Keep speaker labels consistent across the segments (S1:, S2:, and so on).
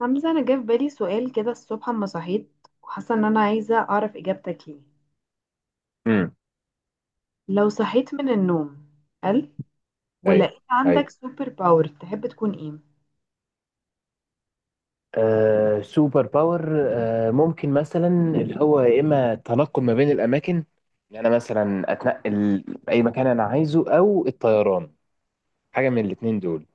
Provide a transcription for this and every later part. S1: حمزة، أنا جه في بالي سؤال كده الصبح أما صحيت، وحاسة إن أنا عايزة أعرف إجابتك ليه.
S2: امم
S1: لو صحيت من النوم قال
S2: ايوه،
S1: ولقيت عندك
S2: ايوه.
S1: سوبر باور، تحب تكون إيه؟
S2: آه، سوبر باور، ممكن مثلا اللي هو يا اما التنقل ما بين الاماكن، ان انا مثلا اتنقل اي مكان انا عايزه او الطيران، حاجه من الاتنين دول.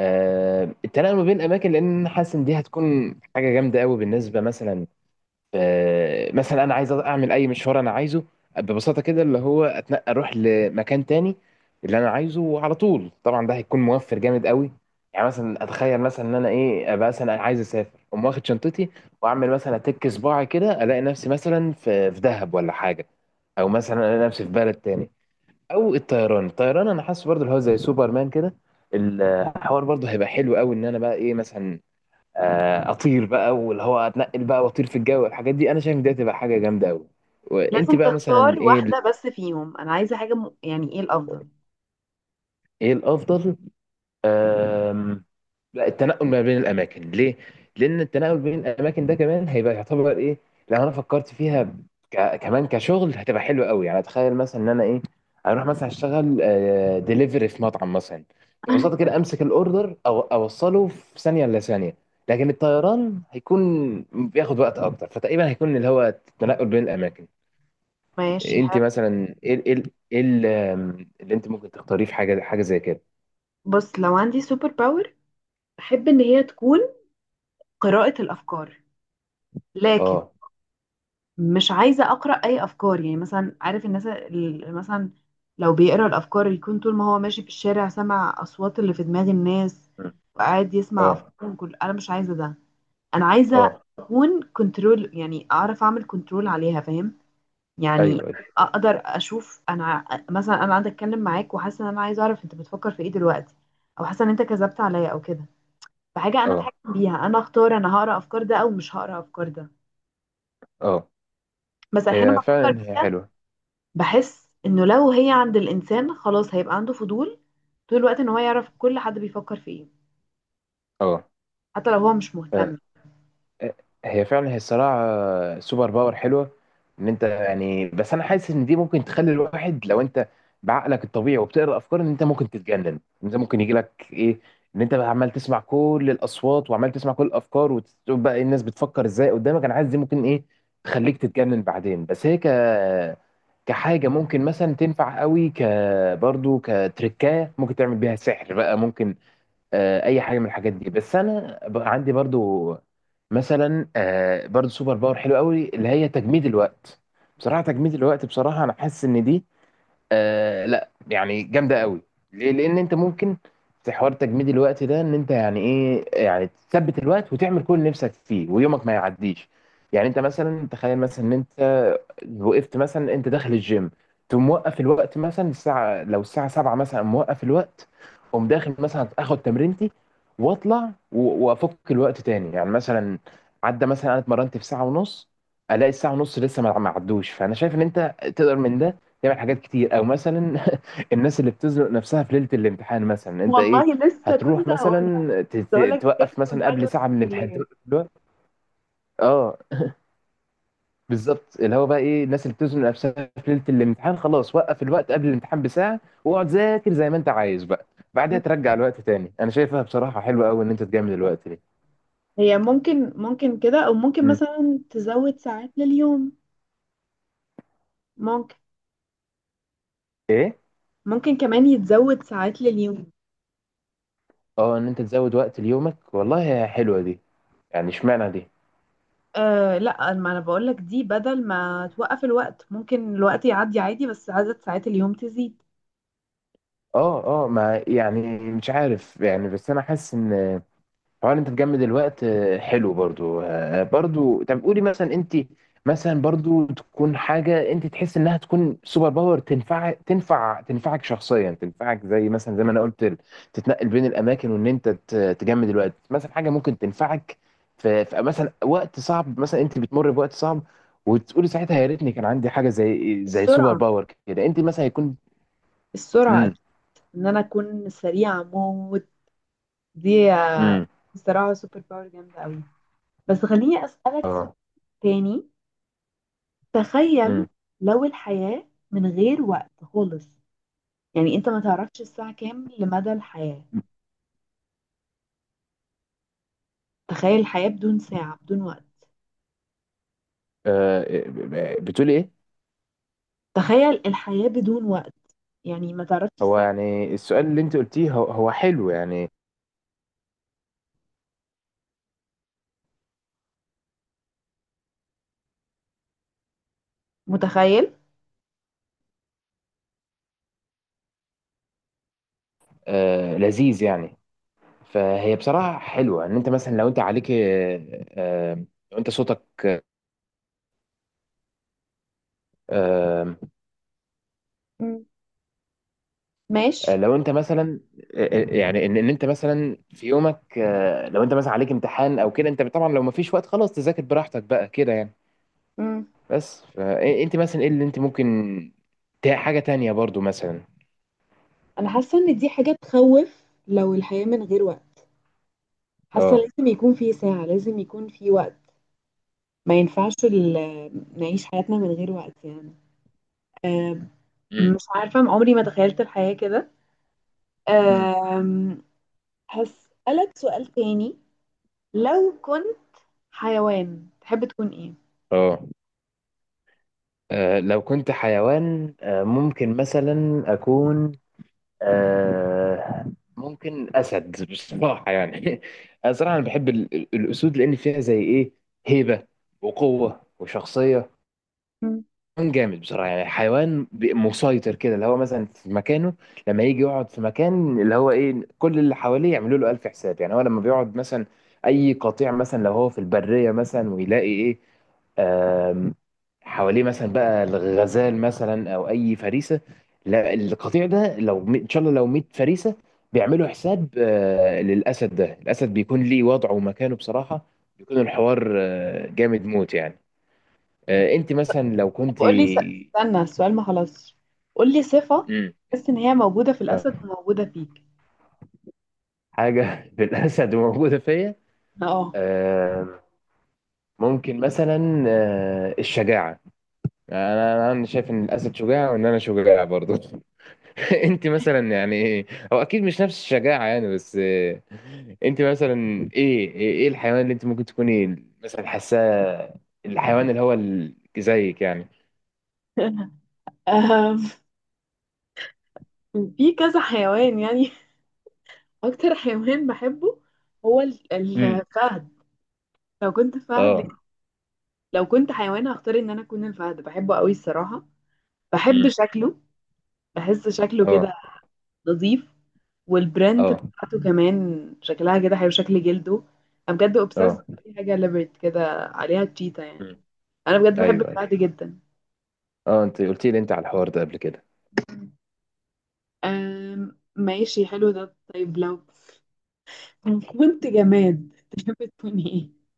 S2: آه، التنقل ما بين الاماكن، لان أنا حاسس ان دي هتكون حاجه جامده قوي بالنسبه مثلا. مثلا انا عايز اعمل اي مشوار انا عايزه، ببساطه كده اللي هو اتنقل، اروح لمكان تاني اللي انا عايزه على طول. طبعا ده هيكون موفر جامد قوي. يعني مثلا اتخيل مثلا ان انا ايه، ابقى مثلا عايز اسافر، اقوم واخد شنطتي واعمل مثلا اتك صباعي كده، الاقي نفسي مثلا في دهب ولا حاجه، او مثلا الاقي نفسي في بلد تاني. او الطيران انا حاسس برضه اللي هو زي سوبرمان كده، الحوار برضه هيبقى حلو قوي ان انا بقى ايه مثلا، اطير بقى واللي هو اتنقل بقى واطير في الجو. الحاجات دي انا شايف إن دي هتبقى حاجه جامده قوي. وانت
S1: لازم
S2: بقى مثلا
S1: تختار
S2: ايه
S1: واحدة بس فيهم. أنا عايزة حاجة يعني إيه الأفضل؟
S2: ايه الافضل؟ أم، لا، التنقل ما بين الاماكن. ليه؟ لان التنقل بين الاماكن ده كمان هيبقى يعتبر ايه، لو انا فكرت فيها، كمان كشغل هتبقى حلوه قوي. يعني اتخيل مثلا ان انا ايه، اروح مثلا اشتغل ديليفري في مطعم مثلا. ببساطه كده امسك الاوردر او اوصله في ثانيه الا ثانيه. لكن الطيران هيكون بياخد وقت اكتر، فتقريبا هيكون اللي هو التنقل بين الاماكن.
S1: ماشي،
S2: انت
S1: حلو.
S2: مثلا ايه، ايه اللي انت ممكن تختاريه في حاجه زي كده؟
S1: بص، لو عندي سوبر باور أحب إن هي تكون قراءة الأفكار، لكن
S2: اه.
S1: مش عايزة أقرأ أي أفكار. يعني مثلا عارف الناس اللي مثلا لو بيقرأ الأفكار يكون طول ما هو ماشي في الشارع سمع أصوات اللي في دماغ الناس
S2: م.
S1: وقاعد يسمع
S2: اه،
S1: أفكارهم، كل أنا مش عايزة ده. أنا عايزة
S2: اه،
S1: أكون كنترول، يعني أعرف أعمل كنترول عليها، فاهم؟ يعني
S2: ايوه، ايوه.
S1: أقدر أشوف أنا، مثلا أنا قاعدة أتكلم معاك وحاسة إن أنا عايزة أعرف أنت بتفكر في إيه دلوقتي، أو حاسة إن أنت كذبت عليا أو كده. فحاجة أنا
S2: اه،
S1: أتحكم بيها، أنا أختار أنا هقرأ أفكار ده أو مش هقرأ أفكار ده.
S2: اه،
S1: بس أحيانا
S2: هي
S1: بفكر
S2: فعلا هي
S1: فيها،
S2: حلوه.
S1: بحس انه لو هي عند الانسان خلاص هيبقى عنده فضول طول الوقت ان هو يعرف كل حد بيفكر في ايه،
S2: اه.
S1: حتى لو هو مش
S2: آه،
S1: مهتم.
S2: هي فعلا هي الصراحة سوبر باور حلوة ان انت يعني. بس انا حاسس ان دي ممكن تخلي الواحد، لو انت بعقلك الطبيعي وبتقرا افكار ان انت ممكن تتجنن. انت ممكن يجي لك ايه، ان انت بقى عمال تسمع كل الاصوات وعمال تسمع كل الافكار وتشوف بقى إيه الناس بتفكر ازاي قدامك. انا حاسس دي ممكن ايه، تخليك تتجنن بعدين. بس هي كحاجة ممكن مثلا تنفع قوي، برضه كتركاية ممكن تعمل بيها سحر بقى، ممكن اي حاجه من الحاجات دي. بس انا عندي برضو مثلا برضو سوبر باور حلو قوي اللي هي تجميد الوقت. بصراحه تجميد الوقت بصراحه انا حاسس ان دي لا يعني جامده قوي. ليه؟ لان انت ممكن في حوار تجميد الوقت ده ان انت يعني ايه، يعني تثبت الوقت وتعمل كل اللي نفسك فيه ويومك ما يعديش. يعني انت مثلا تخيل مثلا ان انت وقفت مثلا انت داخل الجيم، تقوم موقف الوقت مثلا الساعه لو الساعه 7 مثلا موقف الوقت، اقوم داخل مثلا اخد تمرينتي واطلع وافك الوقت تاني. يعني مثلا عدى مثلا انا اتمرنت في ساعه ونص، الاقي الساعه ونص لسه ما عدوش. فانا شايف ان انت تقدر من ده تعمل حاجات كتير. او مثلا الناس اللي بتزنق نفسها في ليله الامتحان مثلا انت ايه،
S1: والله لسه
S2: هتروح
S1: كنت هقولها،
S2: مثلا
S1: كنت هقول لك بجد،
S2: توقف مثلا
S1: كنت عادي
S2: قبل
S1: وأنا
S2: ساعه من
S1: في
S2: الامتحان،
S1: الكلية.
S2: توقف الوقت. اه بالظبط. اللي هو بقى ايه، الناس اللي بتزنق نفسها في ليله الامتحان خلاص وقف الوقت قبل الامتحان بساعه واقعد ذاكر زي ما انت عايز بقى، بعدها
S1: مم.
S2: ترجع الوقت تاني. انا شايفها بصراحه حلوه قوي ان انت تجامل الوقت دي.
S1: هي ممكن كده، او ممكن
S2: مم.
S1: مثلا تزود ساعات لليوم، ممكن
S2: ايه.
S1: ممكن كمان يتزود ساعات لليوم.
S2: اه، ان انت تزود وقت ليومك؟ والله حلوه دي. يعني اشمعنى دي؟
S1: آه لا، ما انا بقول لك دي بدل ما توقف الوقت ممكن الوقت يعدي عادي، بس عدد ساعات اليوم تزيد.
S2: اه، اه. ما يعني مش عارف يعني. بس انا حاسس ان طبعا انت تجمد الوقت حلو برضو. برضو طب قولي مثلا انت مثلا برضو تكون حاجه انت تحس انها تكون سوبر باور تنفع، تنفعك شخصيا، تنفعك زي مثلا زي ما انا قلت تتنقل بين الاماكن وان انت تجمد الوقت مثلا حاجه ممكن تنفعك في مثلا وقت صعب، مثلا انت بتمر بوقت صعب وتقولي ساعتها يا ريتني كان عندي حاجه زي سوبر
S1: السرعة،
S2: باور كده. انت مثلا يكون.
S1: السرعة،
S2: امم
S1: ان انا اكون سريعة موت. دي
S2: امم
S1: بصراحة سوبر باور جامدة قوي. بس خليني أسألك سؤال
S2: اه.
S1: تاني.
S2: امم
S1: تخيل، لو الحياة من غير وقت خالص، يعني انت ما تعرفش الساعة كام لمدى الحياة. تخيل الحياة بدون ساعة، بدون وقت.
S2: آه، بتقولي ايه؟
S1: تخيل الحياة بدون وقت، يعني ما تعرفش
S2: هو
S1: الساعة.
S2: يعني السؤال اللي انت قلتيه هو هو حلو يعني.
S1: متخيل؟
S2: آه، لذيذ يعني. فهي بصراحة حلوة ان انت مثلا، لو انت عليك لو انت صوتك. آه.
S1: مم. ماشي.
S2: لو انت مثلا يعني ان انت مثلا في يومك، آه لو انت مثلا عليك امتحان او كده، انت طبعا لو ما فيش وقت خلاص تذاكر براحتك بقى كده يعني.
S1: مم.
S2: بس فانت مثلا ايه اللي انت ممكن حاجة تانية برضو مثلا؟
S1: انا حاسة ان دي حاجة تخوف، لو الحياة من غير وقت. حاسة
S2: اه.
S1: لازم يكون في ساعة، لازم يكون في وقت. ما ينفعش نعيش حياتنا من غير وقت، يعني آه،
S2: مم.
S1: مش عارفة، عمري ما تخيلت الحياة كده.
S2: مم.
S1: آم، هسألك سؤال تاني. لو كنت حيوان تحب تكون ايه؟
S2: اه. آه، لو كنت حيوان، ممكن مثلا أكون آه، ممكن أسد بصراحة يعني أنا صراحة أنا بحب الأسود لأن فيها زي إيه، هيبة وقوة وشخصية.
S1: مم.
S2: حيوان جامد بصراحة يعني، حيوان مسيطر كده اللي هو مثلا في مكانه. لما يجي يقعد في مكان اللي هو ايه كل اللي حواليه يعملوا له ألف حساب. يعني هو لما بيقعد مثلا أي قطيع مثلا لو هو في البرية مثلا ويلاقي ايه آم، حواليه مثلا بقى الغزال مثلا او اي فريسه، لا القطيع ده لو ان شاء الله لو 100 فريسه بيعملوا حساب للاسد ده. الاسد بيكون ليه وضعه ومكانه بصراحه، بيكون الحوار جامد موت يعني. انت مثلا لو
S1: طب
S2: كنت.
S1: قولي استنى، السؤال ما خلصش. قولي صفة
S2: امم
S1: تحس ان هي موجودة في الأسد
S2: آه،
S1: وموجودة فيك.
S2: حاجة في الأسد موجودة فيا.
S1: اه.
S2: آه، ممكن مثلا الشجاعة. أنا شايف إن الأسد شجاع وإن أنا شجاع برضو أنت مثلا يعني إيه؟ هو أكيد مش نفس الشجاعة يعني. بس أنت مثلا إيه إيه الحيوان اللي أنت ممكن تكوني مثلا حاساه، الحيوان اللي هو زيك يعني؟
S1: آم، في كذا حيوان يعني. أكتر حيوان بحبه هو
S2: امم
S1: الفهد. لو كنت فهد،
S2: أه.
S1: لو كنت حيوان هختار ان انا اكون الفهد، بحبه قوي الصراحة. بحب
S2: امم
S1: شكله، بحس شكله
S2: أه،
S1: كده نظيف، والبراند
S2: أه،
S1: بتاعته كمان شكلها كده حلو، شكل جلده. انا بجد اوبسيس
S2: أه.
S1: باي حاجه ليبرت كده، عليها تشيتا يعني.
S2: امم
S1: انا بجد بحب
S2: أيوه،
S1: البتاع
S2: أيوه.
S1: دي جدا.
S2: أه، أنت قلت لي أنت على الحوار ده قبل كده.
S1: أم ماشي، حلو ده. طيب لو كنت جماد تحب تكون ايه؟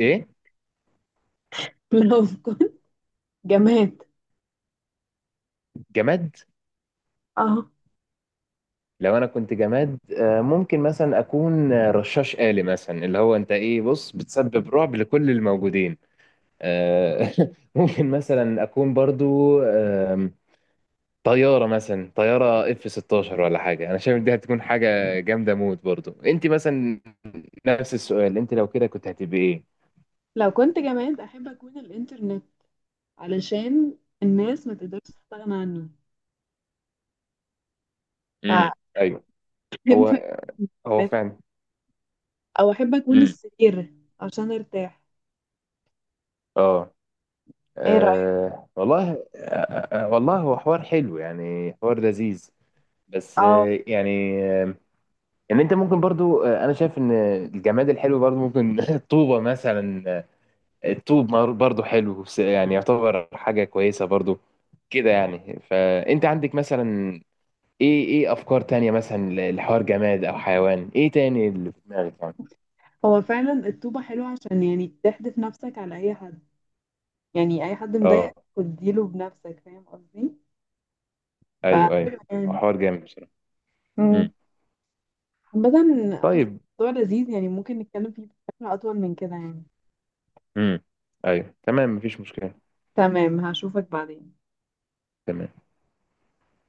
S2: إيه؟
S1: لو كنت جماد.
S2: جماد؟
S1: اه،
S2: لو انا كنت جماد، ممكن مثلا اكون رشاش آلي مثلا اللي هو انت ايه بص، بتسبب رعب لكل الموجودين. آه، ممكن مثلا اكون برضو طيارة مثلا، طيارة اف 16 ولا حاجة. انا شايف دي هتكون حاجة جامدة موت برضو. انت مثلا نفس السؤال، انت لو كده كنت هتبقي ايه؟
S1: لو كنت جماد احب اكون الانترنت، علشان الناس ما تقدرش تستغنى عنه،
S2: امم
S1: فاحب
S2: ايوه.
S1: أكون
S2: هو،
S1: الجماد.
S2: هو فعلا.
S1: او احب اكون
S2: امم
S1: السرير عشان ارتاح.
S2: اه.
S1: ايه رأيك؟
S2: آه، والله، والله هو حوار حلو يعني، حوار لذيذ. بس
S1: اه،
S2: يعني ان انت ممكن برضو، انا شايف ان الجماد الحلو برضو ممكن الطوبه مثلا. الطوب برضو حلو، بس يعني يعتبر حاجه كويسه برضو كده يعني. فانت عندك مثلا ايه، ايه افكار تانية مثلا لحوار جماد او حيوان، ايه تاني اللي في دماغك يعني؟
S1: هو فعلا الطوبة حلوة، عشان يعني تحدف نفسك على أي حد، يعني أي حد مضايقك
S2: اه،
S1: تديله بنفسك، فاهم قصدي؟
S2: ايوه،
S1: فحلو
S2: ايوه.
S1: يعني.
S2: حوار جامد بصراحه.
S1: مم.
S2: امم
S1: عامة، حاسة
S2: طيب.
S1: الموضوع لذيذ يعني، ممكن نتكلم فيه بشكل أطول من كده يعني.
S2: امم ايوه تمام، مفيش مشكله.
S1: تمام، هشوفك بعدين.
S2: تمام.